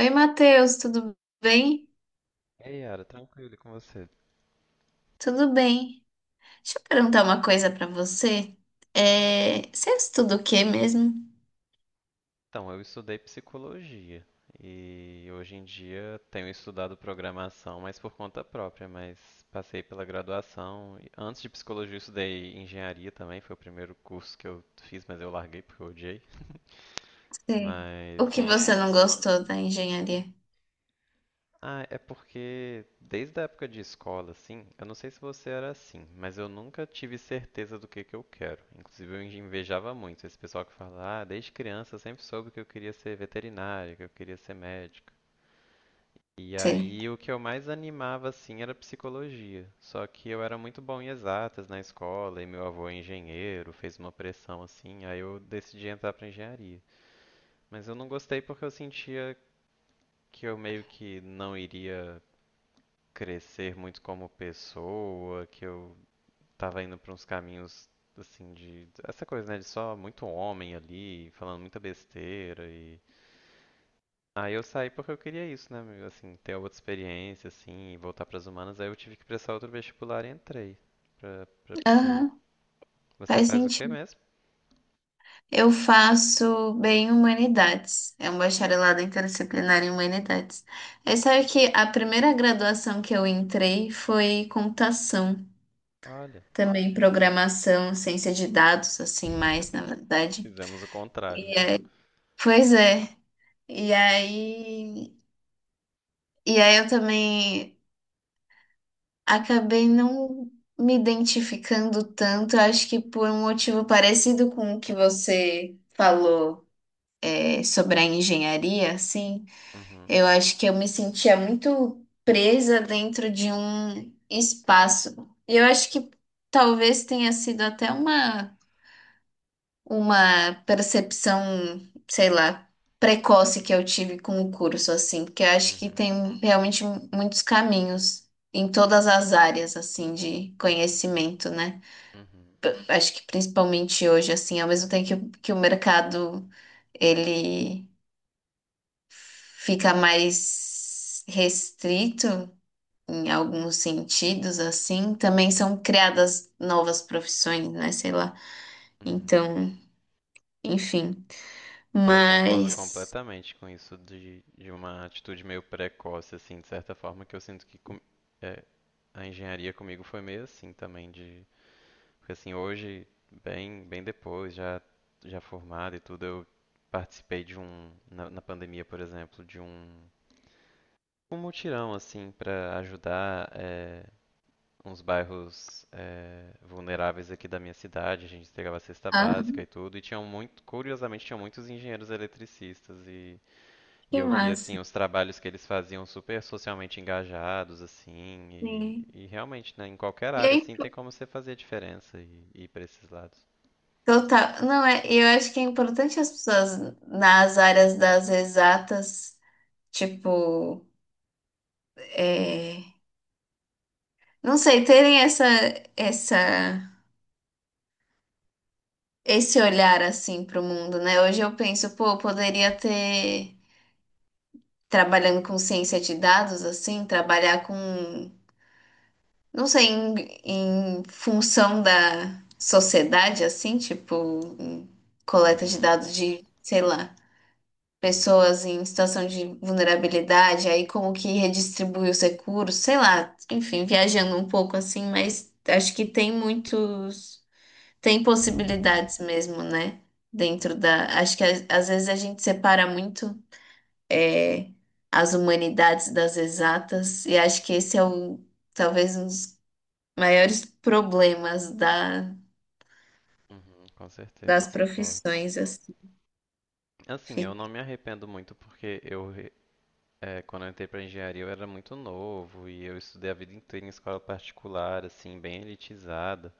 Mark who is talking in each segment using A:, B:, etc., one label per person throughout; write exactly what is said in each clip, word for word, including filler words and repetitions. A: Oi, Matheus, tudo bem?
B: Ei, Yara, tranquilo e com você?
A: Tudo bem. Deixa eu perguntar uma coisa pra você.
B: Uhum.
A: É, você estuda o quê mesmo?
B: Então, eu estudei psicologia e hoje em dia tenho estudado programação, mas por conta própria, mas passei pela graduação. E Antes de psicologia, eu estudei engenharia também, foi o primeiro curso que eu fiz, mas eu larguei porque eu odiei.
A: Sim. O
B: Mas
A: que
B: e vo-
A: você não gostou da engenharia?
B: Ah, é porque desde a época de escola, assim, eu não sei se você era assim, mas eu nunca tive certeza do que que eu quero. Inclusive, eu invejava muito esse pessoal que fala, ah, desde criança eu sempre soube que eu queria ser veterinário, que eu queria ser médico. E
A: Sim.
B: aí, o que eu mais animava, assim, era psicologia. Só que eu era muito bom em exatas na escola, e meu avô é engenheiro, fez uma pressão, assim, aí eu decidi entrar pra engenharia. Mas eu não gostei porque eu sentia que eu meio que não iria crescer muito como pessoa, que eu tava indo pra uns caminhos assim de essa coisa, né, de só muito homem ali, falando muita besteira e aí eu saí porque eu queria isso, né, meu, assim, ter outra experiência assim, e voltar pras humanas, aí eu tive que prestar outro vestibular e entrei pra para psi.
A: Aham,
B: Você
A: faz
B: faz o quê
A: sentido.
B: mesmo?
A: Eu faço bem humanidades. É um bacharelado interdisciplinar em humanidades. É, sabe que a primeira graduação que eu entrei foi computação.
B: Olha,
A: Também programação, ciência de dados, assim, mais, na verdade.
B: fizemos o contrário, então.
A: Pois é. E aí, e aí eu também acabei não me identificando tanto, acho que por um motivo parecido com o que você falou, é, sobre a engenharia, assim,
B: Uhum,
A: eu acho que eu me sentia muito presa dentro de um espaço. E eu acho que talvez tenha sido até uma uma percepção, sei lá, precoce que eu tive com o curso, assim, porque eu acho que
B: uhum,
A: tem realmente muitos caminhos em todas as áreas, assim, de conhecimento, né?
B: uhum,
A: P- Acho que principalmente hoje, assim, ao mesmo tempo que, o- que o mercado, ele fica mais restrito em alguns sentidos, assim, também são criadas novas profissões, né? Sei lá.
B: uhum.
A: Então, enfim.
B: Eu concordo
A: Mas
B: completamente com isso de, de uma atitude meio precoce, assim, de certa forma, que eu sinto que com- é, a engenharia comigo foi meio assim também, de, porque assim, hoje, bem, bem depois, já, já formado e tudo, eu participei de um, na, na pandemia, por exemplo, de um, um mutirão, assim, para ajudar é, uns bairros é, vulneráveis aqui da minha cidade, a gente entregava cesta
A: ah,
B: básica e tudo, e tinham muito, curiosamente, tinham muitos engenheiros eletricistas e e
A: que
B: eu vi
A: massa.
B: assim os trabalhos que eles faziam super socialmente engajados assim e,
A: Sim.
B: e realmente, né, em qualquer
A: E
B: área
A: aí,
B: assim tem como você fazer a diferença e, e ir para esses lados.
A: total. Não, é, eu acho que é importante as pessoas nas áreas das exatas, tipo, é, não sei, terem essa, essa, esse olhar assim para o mundo, né? Hoje eu penso, pô, eu poderia ter, trabalhando com ciência de dados, assim, trabalhar com, não sei, em, em função da sociedade, assim, tipo, em coleta de
B: Uhum,
A: dados de, sei lá,
B: uhum,
A: pessoas em situação de vulnerabilidade, aí como que redistribui os recursos, sei lá, enfim, viajando um pouco assim, mas acho que tem muitos, tem possibilidades mesmo, né? Dentro
B: uhum,
A: da, acho que a- às vezes a gente separa muito é, as humanidades das exatas, e acho que esse é o, talvez um dos maiores problemas da,
B: uhum, com certeza,
A: das
B: eu concordo.
A: profissões, assim.
B: Assim, eu
A: Fiquei,
B: não me arrependo muito porque eu re- é, quando eu entrei para engenharia eu era muito novo e eu estudei a vida inteira em escola particular, assim, bem elitizada.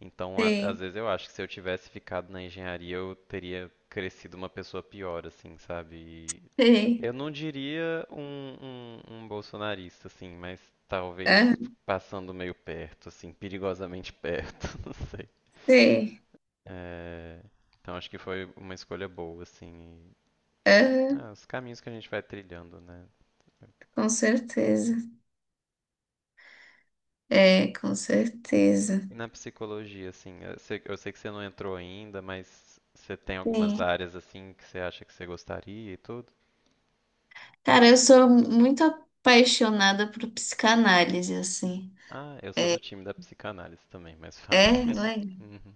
B: Então, a- às
A: sei,
B: vezes eu acho que se eu tivesse ficado na engenharia, eu teria crescido uma pessoa pior, assim, sabe? Eu
A: sei,
B: não diria um, um, um bolsonarista, assim, mas
A: ah,
B: talvez passando meio perto, assim, perigosamente perto, não sei.
A: sei,
B: É, então acho que foi uma escolha boa, assim. e-
A: ah.
B: ah, os caminhos que a gente vai trilhando, né?
A: Com certeza. É, com certeza.
B: E na psicologia, assim, eu sei, eu sei que você não entrou ainda, mas você tem algumas
A: Sim.
B: áreas, assim, que você acha que você gostaria e tudo?
A: Cara, eu sou muito apaixonada por psicanálise, assim.
B: Ah, eu sou do time da psicanálise também, mas fato.
A: É, né?
B: Uhum.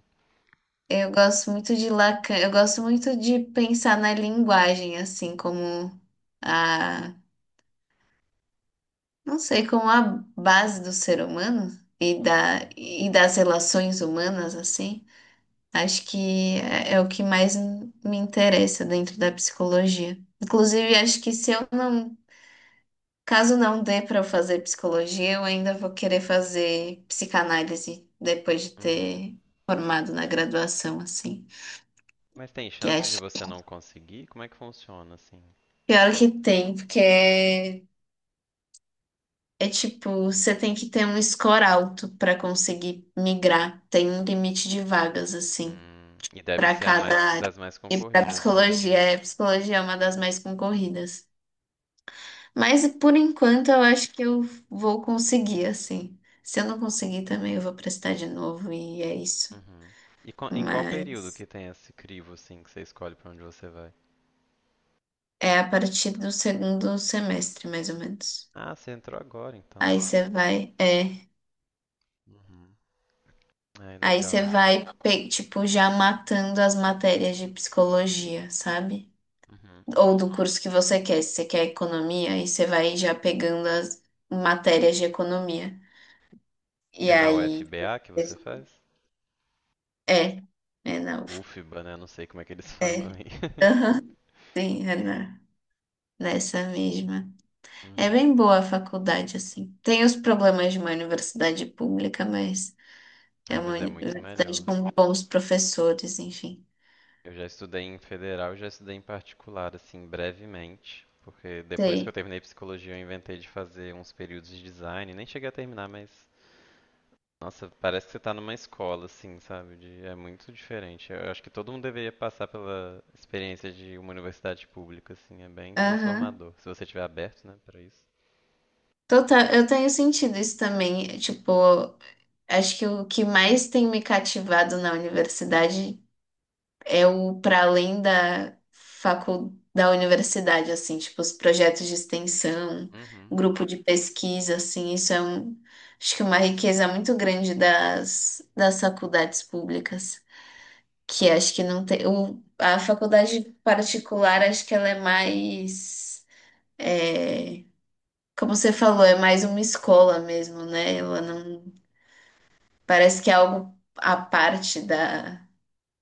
A: Eu gosto muito de Lacan, eu gosto muito de pensar na linguagem, assim, como a, não sei, como a base do ser humano e da,
B: Uhum.
A: e das relações humanas, assim. Acho que é, é o que mais me interessa dentro da psicologia. Inclusive, acho que se eu não caso não dê para eu fazer psicologia, eu ainda vou querer fazer psicanálise depois de
B: Uhum.
A: ter formado na graduação, assim.
B: Mas tem
A: Que
B: chance de
A: acho
B: você
A: que
B: não conseguir? Como é que funciona, assim?
A: pior que tem, porque é, é tipo, você tem que ter um score alto para conseguir migrar. Tem um limite de vagas, assim,
B: Hum, e deve
A: para
B: ser a
A: cada
B: mais
A: área.
B: das mais
A: E para
B: concorridas, né?
A: psicologia,
B: Imagino.
A: é, psicologia é uma das mais concorridas. Mas por enquanto eu acho que eu vou conseguir, assim. Se eu não conseguir também, eu vou prestar de novo e é isso.
B: Uhum. E qua- em qual período
A: Mas
B: que tem esse crivo, assim, que você escolhe pra onde você vai?
A: é a partir do segundo semestre, mais ou menos.
B: Ah, você entrou agora, então.
A: Aí você vai, é,
B: Uhum. Ai,
A: aí você
B: legal.
A: vai, pe- tipo, já matando as matérias de psicologia, sabe?
B: Uhum.
A: Ou do curso que você quer. Se você quer economia, aí você vai já pegando as matérias de economia. E
B: É na
A: aí.
B: UFBA que você faz?
A: É, é na U F A.
B: UFBA, né? Não sei como é que eles falam
A: É.
B: aí.
A: Aham, sim, é na, nessa mesma. É
B: Uhum.
A: bem boa a faculdade, assim. Tem os problemas de uma universidade pública, mas. É
B: Ai,
A: uma
B: mas é muito
A: universidade
B: melhor.
A: com bons professores, enfim.
B: Eu já estudei em federal, já estudei em particular, assim, brevemente, porque depois que eu
A: Sei.
B: terminei psicologia, eu inventei de fazer uns períodos de design, nem cheguei a terminar, mas nossa, parece que você tá numa escola, assim, sabe? De- é muito diferente. Eu acho que todo mundo deveria passar pela experiência de uma universidade pública, assim, é bem
A: Aham.
B: transformador, se você estiver aberto, né, para isso.
A: Total, eu tenho sentido isso também. Tipo, acho que o que mais tem me cativado na universidade é o para além da facul... da universidade, assim, tipo, os projetos de extensão,
B: Uhum,
A: grupo de pesquisa, assim, isso é um... acho que uma riqueza muito grande das, das faculdades públicas. Que acho que não tem. O- a faculdade particular, acho que ela é mais. É, como você falou, é mais uma escola mesmo, né? Ela não. Parece que é algo à parte da,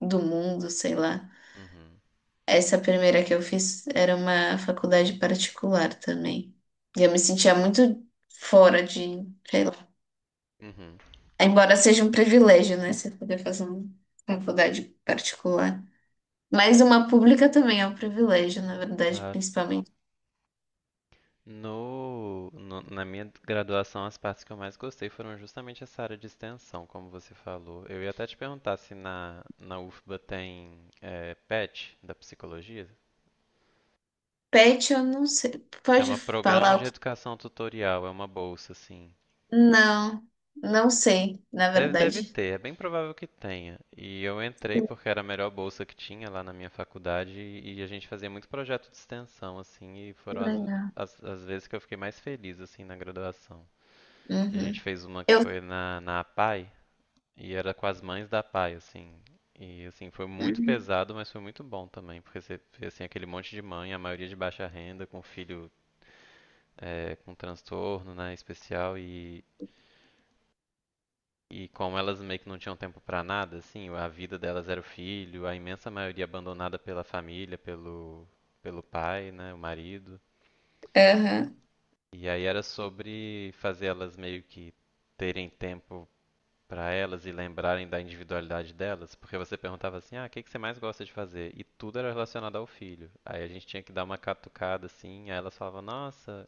A: do mundo, sei lá.
B: uhum,
A: Essa primeira que eu fiz era uma faculdade particular também. E eu me sentia muito fora de, sei lá.
B: uhum.
A: Embora seja um privilégio, né? Você poder fazer uma faculdade particular. Mas uma pública também é um privilégio, na verdade,
B: Claro.
A: principalmente.
B: No, no- na minha graduação, as partes que eu mais gostei foram justamente essa área de extensão, como você falou. Eu ia até te perguntar se na, na UFBA tem eh, PET da psicologia.
A: Pet, eu não sei. Pode
B: Chama Programa
A: falar o
B: de
A: que?
B: Educação Tutorial, é uma bolsa, assim.
A: Não, não sei, na
B: Deve, deve
A: verdade.
B: ter, é bem provável que tenha. E eu entrei porque era a melhor bolsa que tinha lá na minha faculdade e, e a gente fazia muito projeto de extensão, assim, e
A: Que
B: foram as,
A: legal.
B: as, as vezes que eu fiquei mais feliz, assim, na graduação. A gente
A: Uhum.
B: fez uma que
A: Eu.
B: foi na, na APAE. E era com as mães da Pai, assim. E assim, foi muito
A: Uhum.
B: pesado, mas foi muito bom também, porque você vê assim, aquele monte de mãe, a maioria de baixa renda, com filho eh, com transtorno, né, especial, e, e como elas meio que não tinham tempo pra nada, assim, a vida delas era o filho, a imensa maioria abandonada pela família, pelo, pelo pai, né, o marido.
A: Aham.
B: E aí era sobre fazer elas meio que terem tempo para elas e lembrarem da individualidade delas, porque você perguntava assim, ah, o que que você mais gosta de fazer? E tudo era relacionado ao filho. Aí a gente tinha que dar uma catucada assim, aí elas falavam, nossa,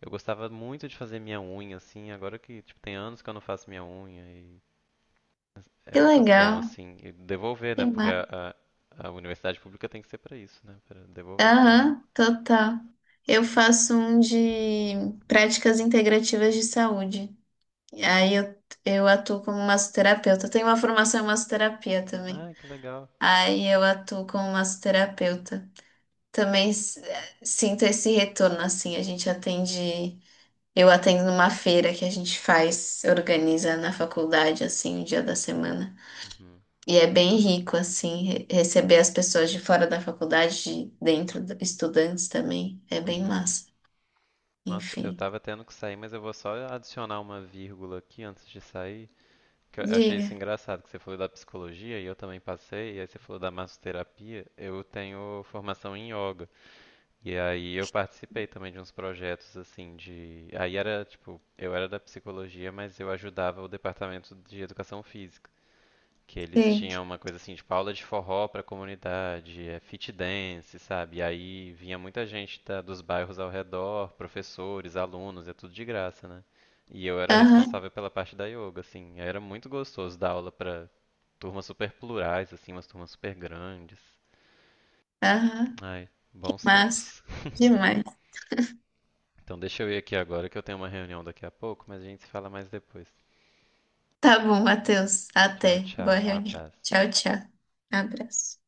B: eu gostava muito de fazer minha unha assim, agora que tipo tem anos que eu não faço minha unha e é
A: Que
B: muito bom
A: legal.
B: assim e devolver, né?
A: Que
B: Porque
A: massa.
B: a, a, a universidade pública tem que ser para isso, né? Para devolver para,
A: Aham, total. Eu faço um de práticas integrativas de saúde. Aí eu, eu atuo como massoterapeuta. Eu tenho uma formação em massoterapia também.
B: ah, que legal.
A: Aí eu atuo como massoterapeuta. Também s- sinto esse retorno, assim. A gente atende. Eu atendo numa feira que a gente faz, organiza na faculdade, assim, um dia da semana.
B: Uhum.
A: E é bem rico, assim, re- receber as pessoas de fora da faculdade, de dentro, do- estudantes também. É bem
B: Uhum.
A: massa.
B: Nossa, eu
A: Enfim.
B: tava tendo que sair, mas eu vou só adicionar uma vírgula aqui antes de sair. Que Eu eu achei
A: Diga.
B: isso engraçado, que você falou da psicologia e eu também passei, e aí você falou da massoterapia. Eu tenho formação em yoga. E aí eu participei também de uns projetos assim de. Aí era tipo, eu era da psicologia, mas eu ajudava o departamento de educação física. Que eles
A: Sim.
B: tinham uma coisa assim, tipo aula de forró pra comunidade, é fit dance, sabe? E aí vinha muita gente da- dos bairros ao redor, professores, alunos, é tudo de graça, né? E eu era
A: Aham,
B: responsável pela parte da yoga, assim. Era muito gostoso dar aula pra turmas super plurais, assim, umas turmas super grandes.
A: aham.
B: Ai,
A: Que
B: bons tempos.
A: massa. Demais.
B: Então deixa eu ir aqui agora que eu tenho uma reunião daqui a pouco, mas a gente se fala mais depois.
A: Tá bom, Matheus.
B: Tchau,
A: Até. Boa
B: tchau. Um
A: reunião.
B: abraço.
A: Tchau, tchau. Abraço.